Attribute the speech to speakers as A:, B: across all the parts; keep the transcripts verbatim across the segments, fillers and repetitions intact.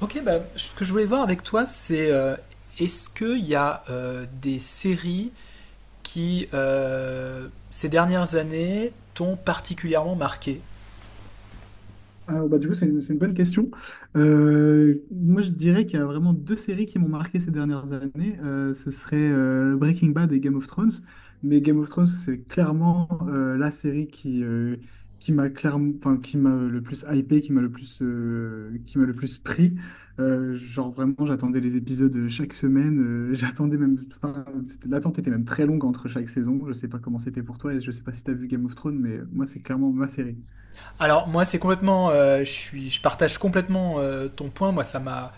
A: Ok, bah, Ce que je voulais voir avec toi, c'est euh, est-ce qu'il y a euh, des séries qui, euh, ces dernières années, t'ont particulièrement marqué?
B: Ah, bah, du coup, c'est une, c'est une bonne question. Euh, moi, je dirais qu'il y a vraiment deux séries qui m'ont marqué ces dernières années. Euh, ce serait euh, Breaking Bad et Game of Thrones. Mais Game of Thrones, c'est clairement euh, la série qui, euh, qui m'a clairement, enfin, qui m'a le plus hypé, qui m'a le plus, euh, qui m'a le plus pris. Euh, genre, vraiment, j'attendais les épisodes euh, chaque semaine. Euh, j'attendais même, enfin, c'était- l'attente était même très longue entre chaque saison. Je sais pas comment c'était pour toi et je sais pas si tu as vu Game of Thrones, mais moi, c'est clairement ma série.
A: Alors, moi, c'est complètement, euh, je suis, je partage complètement euh, ton point. Moi, ça m'a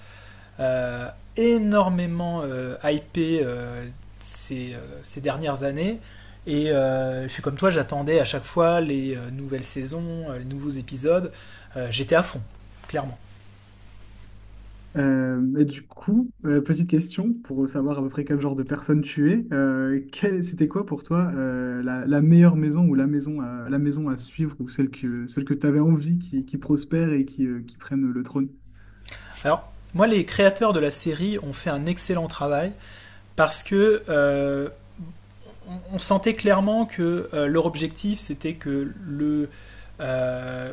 A: euh, énormément euh, hypé euh, ces, euh, ces dernières années. Et euh, je suis comme toi, j'attendais à chaque fois les euh, nouvelles saisons, euh, les nouveaux épisodes. Euh, j'étais à fond, clairement.
B: Euh, et du coup, euh, petite question pour savoir à peu près quel genre de personne tu es. Euh, quelle- c'était quoi pour toi euh, la, la meilleure maison ou la maison à, la maison à suivre ou celle que, celle que tu avais envie qui, qui prospère et qui, euh, qui prenne le trône?
A: Alors, moi, les créateurs de la série ont fait un excellent travail parce que euh, on sentait clairement que euh, leur objectif, c'était que le euh,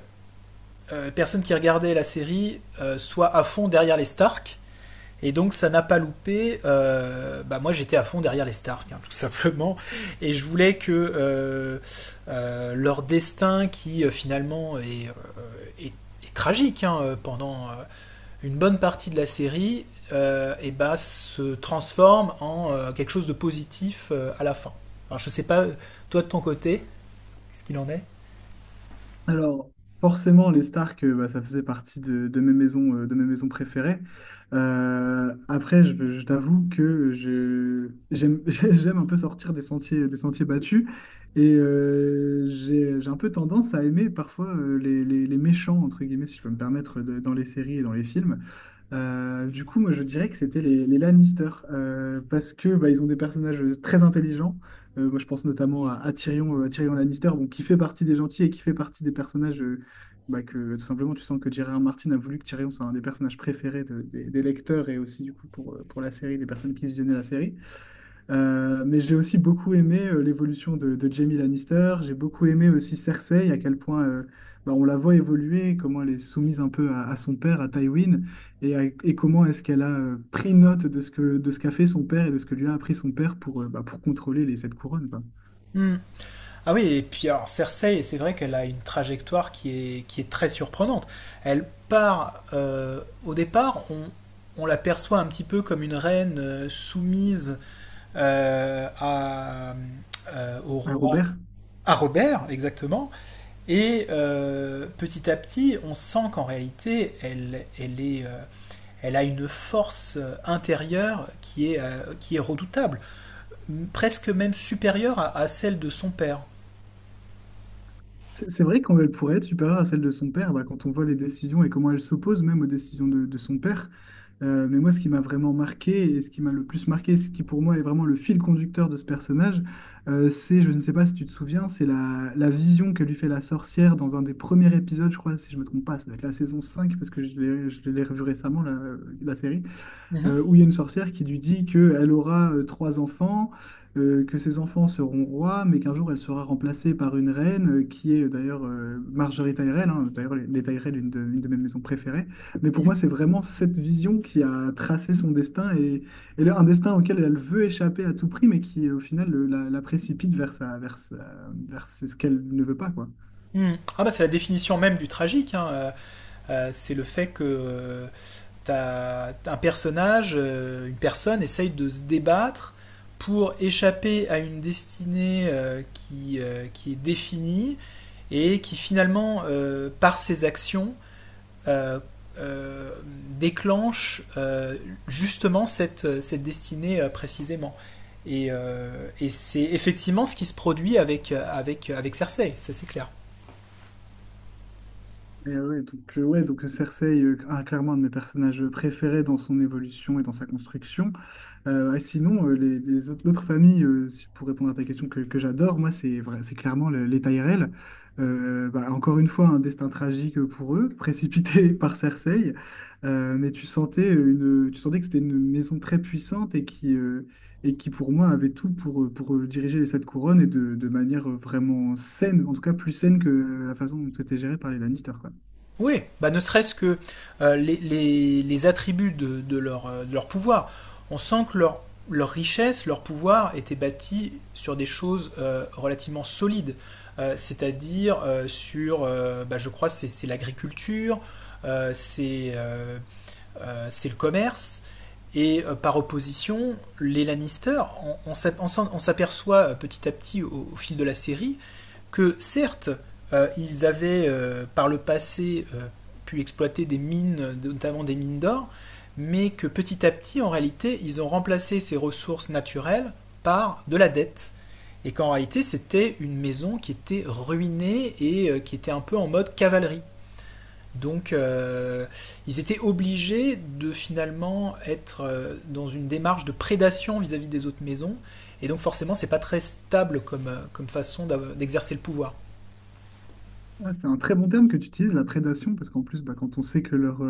A: euh, personne qui regardait la série euh, soit à fond derrière les Stark. Et donc ça n'a pas loupé. Euh, bah moi j'étais à fond derrière les Stark, hein, tout simplement. Et je voulais que euh, euh, leur destin, qui euh, finalement est, euh, est- est tragique hein, euh, pendant euh, une bonne partie de la série euh, eh ben, se transforme en euh, quelque chose de positif euh, à la fin. Alors, je sais pas, toi de ton côté, qu'est-ce qu'il en est.
B: Alors, forcément, les Stark, euh, bah, ça faisait partie de, de mes maisons, euh, de mes maisons préférées. Euh, après, je, je t'avoue que je, j'aime, j'aime un peu sortir des sentiers, des sentiers battus. Et euh, j'ai, j'ai un peu tendance à aimer parfois euh, les, les- les méchants, entre guillemets, si je peux me permettre, de- dans les séries et dans les films. Euh, du coup, moi, je dirais que c'était les, les Lannister, euh, parce que bah, ils ont des personnages très intelligents. Euh, moi, je pense notamment à, à Tyrion, euh, à Tyrion Lannister, bon, qui fait partie des gentils et qui fait partie des personnages euh, bah, que, tout simplement, tu sens que J R R. Martin a voulu que Tyrion soit un des personnages préférés de- des, des lecteurs et aussi, du coup, pour, euh, pour la série, des personnes qui visionnaient la série. Euh, mais j'ai aussi beaucoup aimé euh, l'évolution de, de Jaime Lannister. J'ai beaucoup aimé aussi Cersei, à quel point euh, bah, on la voit évoluer, comment elle est soumise un peu à, à son père, à Tywin, et, à- et comment est-ce qu'elle a euh, pris note de ce que, de ce qu'a fait son père et de ce que lui a appris son père pour, euh, bah, pour contrôler les sept couronnes, quoi.
A: Hmm. Ah oui, et puis alors Cersei, c'est vrai qu'elle a une trajectoire qui est, qui est très surprenante. Elle part, euh, au départ, on, on la perçoit un petit peu comme une reine euh, soumise euh, à, euh, au
B: Hein,
A: roi,
B: Robert?
A: à Robert, exactement. Et euh, petit à petit, on sent qu'en réalité, elle, elle, est, euh, elle a une force euh, intérieure qui est, euh, qui est redoutable, presque même supérieure à, à celle de son père.
B: C'est c'est vrai qu'elle pourrait être supérieure à celle de son père, bah, quand on voit les décisions et comment elle s'oppose même aux décisions de, de son père. Euh, mais moi, ce qui m'a vraiment marqué et ce qui m'a le plus marqué, ce qui pour moi est vraiment le fil conducteur de ce personnage, euh, c'est, je ne sais pas si tu te souviens, c'est la, la vision que lui fait la sorcière dans un des premiers épisodes, je crois, si je ne me trompe pas, ça doit être la saison cinq parce que je l'ai je l'ai revu récemment, la, la série euh,
A: Mhm.
B: où il y a une sorcière qui lui dit qu'elle aura euh, trois enfants, euh, que ses enfants seront rois, mais qu'un jour elle sera remplacée par une reine, euh, qui est euh, d'ailleurs euh, Marjorie Tyrell, hein. D'ailleurs les, les Tyrell, une de, une de mes maisons préférées. Mais pour
A: Mhm.
B: moi, c'est vraiment cette vision qui a tracé son destin, et, et là, un destin auquel elle veut échapper à tout prix, mais qui au final le- la, la précipite vers, sa, vers, sa- vers ce qu'elle ne veut pas, quoi.
A: Mhm. Ah bah c'est la définition même du tragique, hein. Euh, euh, c'est le fait que euh, t'as un personnage, euh, une personne essaye de se débattre pour échapper à une destinée euh, qui, euh, qui est définie et qui finalement, euh, par ses actions, euh, euh, déclenche euh, justement cette, cette destinée euh, précisément. Et, euh, et c'est effectivement ce qui se produit avec, avec, avec Cersei, ça c'est clair.
B: Et ouais, donc, euh, ouais, donc Cersei, euh, ah, clairement un de mes personnages préférés dans son évolution et dans sa construction. Euh, et sinon, euh, les, les autres, l'autre famille, euh, si- pour répondre à ta question que, que j'adore, moi, c'est vrai- c'est clairement le- les Tyrell. Euh, bah, encore une fois, un destin tragique pour eux, précipité par Cersei. Euh, mais tu sentais, une, tu sentais que c'était une maison très puissante et qui, euh, et qui, pour moi, avait tout pour, pour euh, diriger les Sept Couronnes et de, de manière vraiment saine, en tout cas plus saine que la façon dont c'était géré par les Lannister, quoi.
A: Oui, bah ne serait-ce que euh, les, les- les attributs de, de leur, euh, de leur pouvoir. On sent que leur, leur richesse, leur pouvoir était bâti sur des choses euh, relativement solides. Euh, c'est-à-dire euh, sur, euh, bah, je crois, c'est c'est l'agriculture, euh, c'est euh, euh, c'est le commerce. Et euh, par opposition, les Lannister, on, on on s'aperçoit euh, petit à petit au, au fil de la série, que certes, euh, ils avaient euh, par le passé euh, pu exploiter des mines, notamment des mines d'or, mais que petit à petit, en réalité, ils ont remplacé ces ressources naturelles par de la dette. Et qu'en réalité, c'était une maison qui était ruinée et euh, qui était un peu en mode cavalerie. Donc euh, Ils étaient obligés de finalement être euh, dans une démarche de prédation vis-à-vis des autres maisons. Et donc forcément c'est pas très stable comme, euh, comme façon d'exercer le pouvoir.
B: Ouais, c'est un très bon terme que tu utilises, la prédation, parce qu'en plus, bah, quand on sait que leur,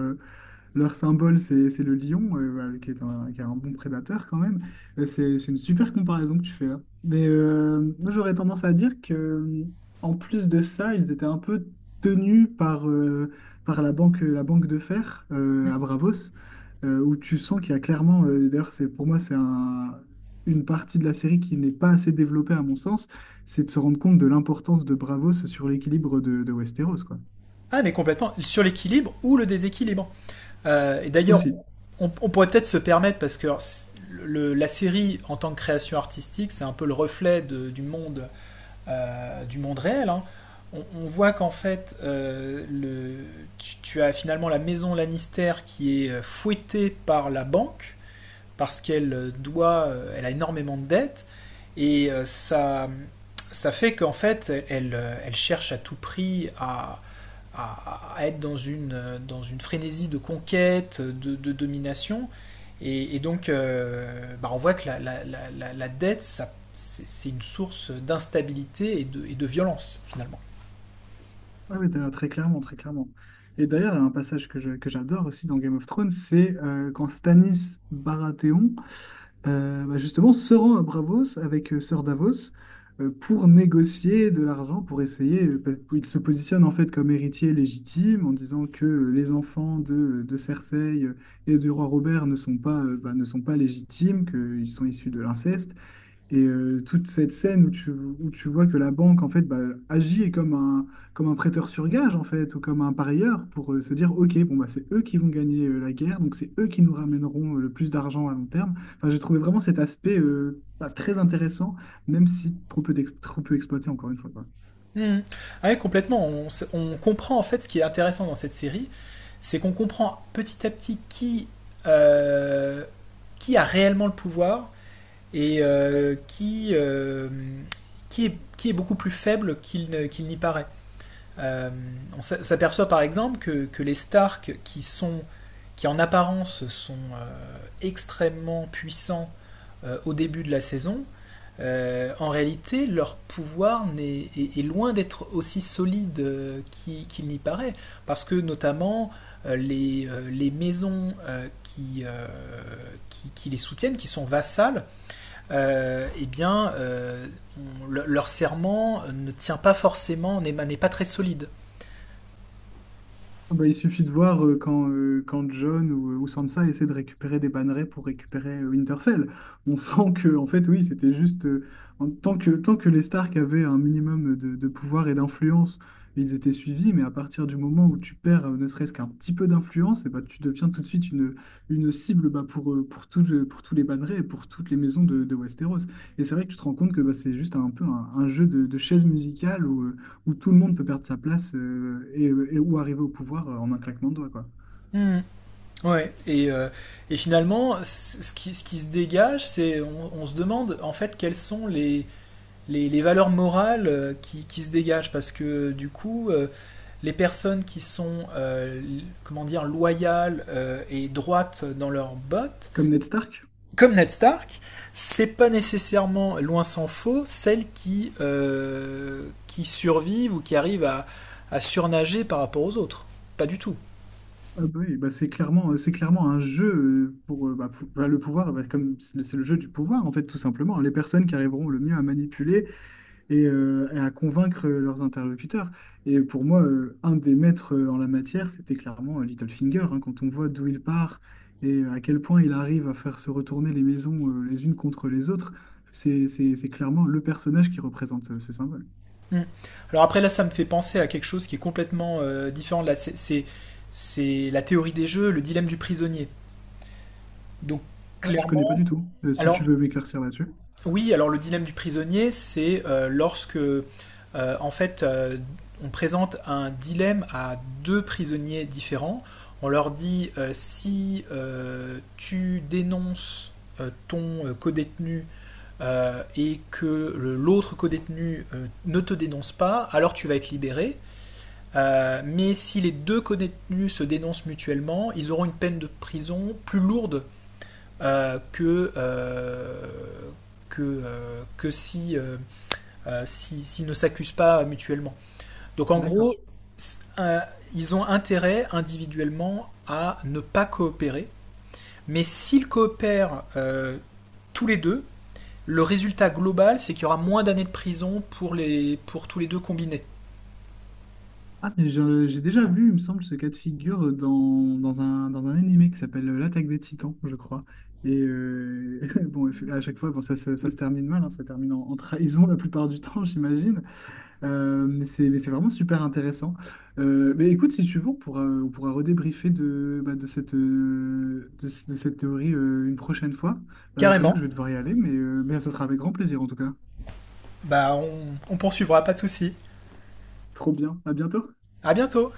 B: Leur symbole, c'est c'est le lion, euh, voilà, qui est un, qui est un bon prédateur quand même. Euh, C'est c'est une super comparaison que tu fais là. Mais euh, moi, j'aurais tendance à dire que, euh, en plus de ça, ils étaient un peu tenus par, euh, par la banque, la banque de fer euh, à Bravos, euh, où tu sens qu'il y a clairement, euh, d'ailleurs, c'est pour moi, c'est un- une partie de la série qui n'est pas assez développée à mon sens, c'est de se rendre compte de l'importance de Bravos sur l'équilibre de, de Westeros, quoi.
A: Ah mais complètement sur l'équilibre ou le déséquilibre. Euh, et d'ailleurs
B: Aussi.
A: on, on pourrait peut-être se permettre parce que le- la série en tant que création artistique c'est un peu le reflet de- du monde euh, du monde réel, hein. On, on voit qu'en fait, euh, le, tu, tu as finalement la maison Lannister qui est euh, fouettée par la banque parce qu'elle euh, doit, euh, elle a énormément de dettes et euh, ça, ça fait qu'en fait elle, euh, elle cherche à tout prix à, à, à être dans une, euh, dans une frénésie de conquête, de, de domination. Et, et donc, euh, bah, on voit que la, la, la, la dette, ça, c'est, c'est une source d'instabilité et de, et de violence, finalement.
B: Ouais, mais d'ailleurs, très clairement, très clairement. Et d'ailleurs, il y a un passage que je- que j'adore aussi dans Game of Thrones, c'est euh, quand Stannis Baratheon, euh, bah, justement, se rend à Bravos avec euh, Sir Davos euh, pour négocier de l'argent, pour essayer. Euh, parce qu'il se positionne en fait comme héritier légitime en disant que euh, les enfants de, de Cersei et du roi Robert ne sont pas, euh, bah, ne sont pas légitimes, qu'ils sont issus de l'inceste. Et euh, toute cette scène où tu, où tu vois que la banque, en fait, bah, agit comme un, comme un prêteur sur gage, en fait, ou comme un parieur, pour euh, se dire, OK, bon, bah, c'est eux qui vont gagner euh, la guerre, donc c'est eux qui nous ramèneront euh, le plus d'argent à long terme. Enfin, j'ai trouvé vraiment cet aspect euh, bah, très intéressant, même si trop peu, d'ex- trop peu exploité, encore une fois, quoi.
A: Mmh. Ah oui, complètement. On, s- on comprend en fait ce qui est intéressant dans cette série, c'est qu'on comprend petit à petit qui, euh, qui a réellement le pouvoir et euh, qui, euh, qui, est, qui est beaucoup plus faible qu'il ne- qu'il n'y paraît. Euh, on s'a- s'aperçoit par exemple que, que les Stark, qui, sont, qui en apparence sont euh, extrêmement puissants euh, au début de la saison, euh, en réalité, leur pouvoir est, est, est loin d'être aussi solide euh, qu'il qu'il n'y paraît, parce que notamment euh, les, euh, les maisons euh, qui, euh, qui, qui les soutiennent, qui sont vassales, euh, eh bien, euh, on- le- leur serment ne tient pas forcément, n'est n'est pas très solide.
B: Ah bah, il suffit de voir euh, quand, euh, quand John ou, euh, ou Sansa essaient de récupérer des bannerets pour récupérer euh, Winterfell. On sent que, en fait, oui, c'était juste. euh, en- tant que, tant que les Stark avaient un minimum de, de pouvoir et d'influence, ils étaient suivis, mais à partir du moment où tu perds euh, ne serait-ce qu'un petit peu d'influence, eh bah, tu deviens tout de suite une, une cible bah, pour, euh, pour, tout le- pour tous les bannerets et pour toutes les maisons de, de Westeros. Et c'est vrai que tu te rends compte que bah, c'est juste un peu un, un jeu de, de chaises musicales où tout le monde peut perdre sa place euh, et, euh, et où arriver au pouvoir euh, en un claquement de doigts, quoi.
A: Mmh. Ouais, et, euh, et finalement, ce qui, ce qui se dégage, c'est on, on se demande en fait quels sont les, les, les valeurs morales euh, qui, qui, se dégagent parce que du coup euh, les personnes qui sont euh, comment dire loyales euh, et droites dans leurs bottes
B: Comme Ned Stark,
A: comme Ned Stark, c'est pas nécessairement, loin s'en faut, celles qui euh, qui survivent ou qui arrivent à, à surnager par rapport aux autres, pas du tout.
B: ah bah oui, bah c'est clairement, euh, c'est clairement un jeu euh, pour, euh, bah, pour- bah, le pouvoir, bah, comme c'est le, c'est le jeu du pouvoir, en fait, tout simplement, hein. Les personnes qui arriveront le mieux à manipuler et, euh, et à convaincre euh, leurs interlocuteurs. Et pour moi, euh, un des maîtres euh, en la matière, c'était clairement euh, Littlefinger, hein. Quand on voit d'où il part et à quel point il arrive à faire se retourner les maisons euh, les unes contre les autres, c'est c'est- c'est clairement le personnage qui représente euh, ce symbole.
A: Mm. Alors après là, ça me fait penser à quelque chose qui est complètement euh, différent. Là, c'est, c'est, c'est la théorie des jeux, le dilemme du prisonnier. Donc
B: Ah, je connais
A: clairement,
B: pas du tout. Euh, si
A: alors.
B: tu veux m'éclaircir là-dessus.
A: Oui, alors le dilemme du prisonnier, c'est euh, lorsque, euh, en fait, euh, on présente un dilemme à deux prisonniers différents. On leur dit euh, si euh, tu dénonces euh, ton euh, codétenu euh, et que l'autre codétenu euh, ne te dénonce pas, alors tu vas être libéré. Euh, mais si les deux codétenus se dénoncent mutuellement, ils auront une peine de prison plus lourde euh, que, euh, que, euh, que si, s'ils si, s'ils ne s'accusent pas mutuellement. Donc en gros,
B: D'accord.
A: s- euh, ils ont intérêt individuellement à ne pas coopérer, mais s'ils coopèrent euh, tous les deux, le résultat global, c'est qu'il y aura moins d'années de prison pour, les, pour tous les deux combinés.
B: Ah, mais je- j'ai déjà vu, il me semble, ce cas de figure dans, dans un, dans un animé qui s'appelle euh, L'Attaque des Titans, je crois. Et euh, bon, à chaque fois, bon, ça, se ça se termine mal, hein, ça termine en, en trahison la plupart du temps, j'imagine. Euh, mais c'est, mais c'est vraiment super intéressant. Euh, mais écoute, si tu veux, on pourra, on pourra redébriefer de, bah, de cette, euh, de, ce- de cette théorie euh, une prochaine fois. Euh, je t'avoue que je
A: Carrément.
B: vais devoir y aller, mais, euh, mais ça sera avec grand plaisir en tout cas.
A: Bah, on, on poursuivra, pas de souci.
B: Trop bien. À bientôt.
A: À bientôt!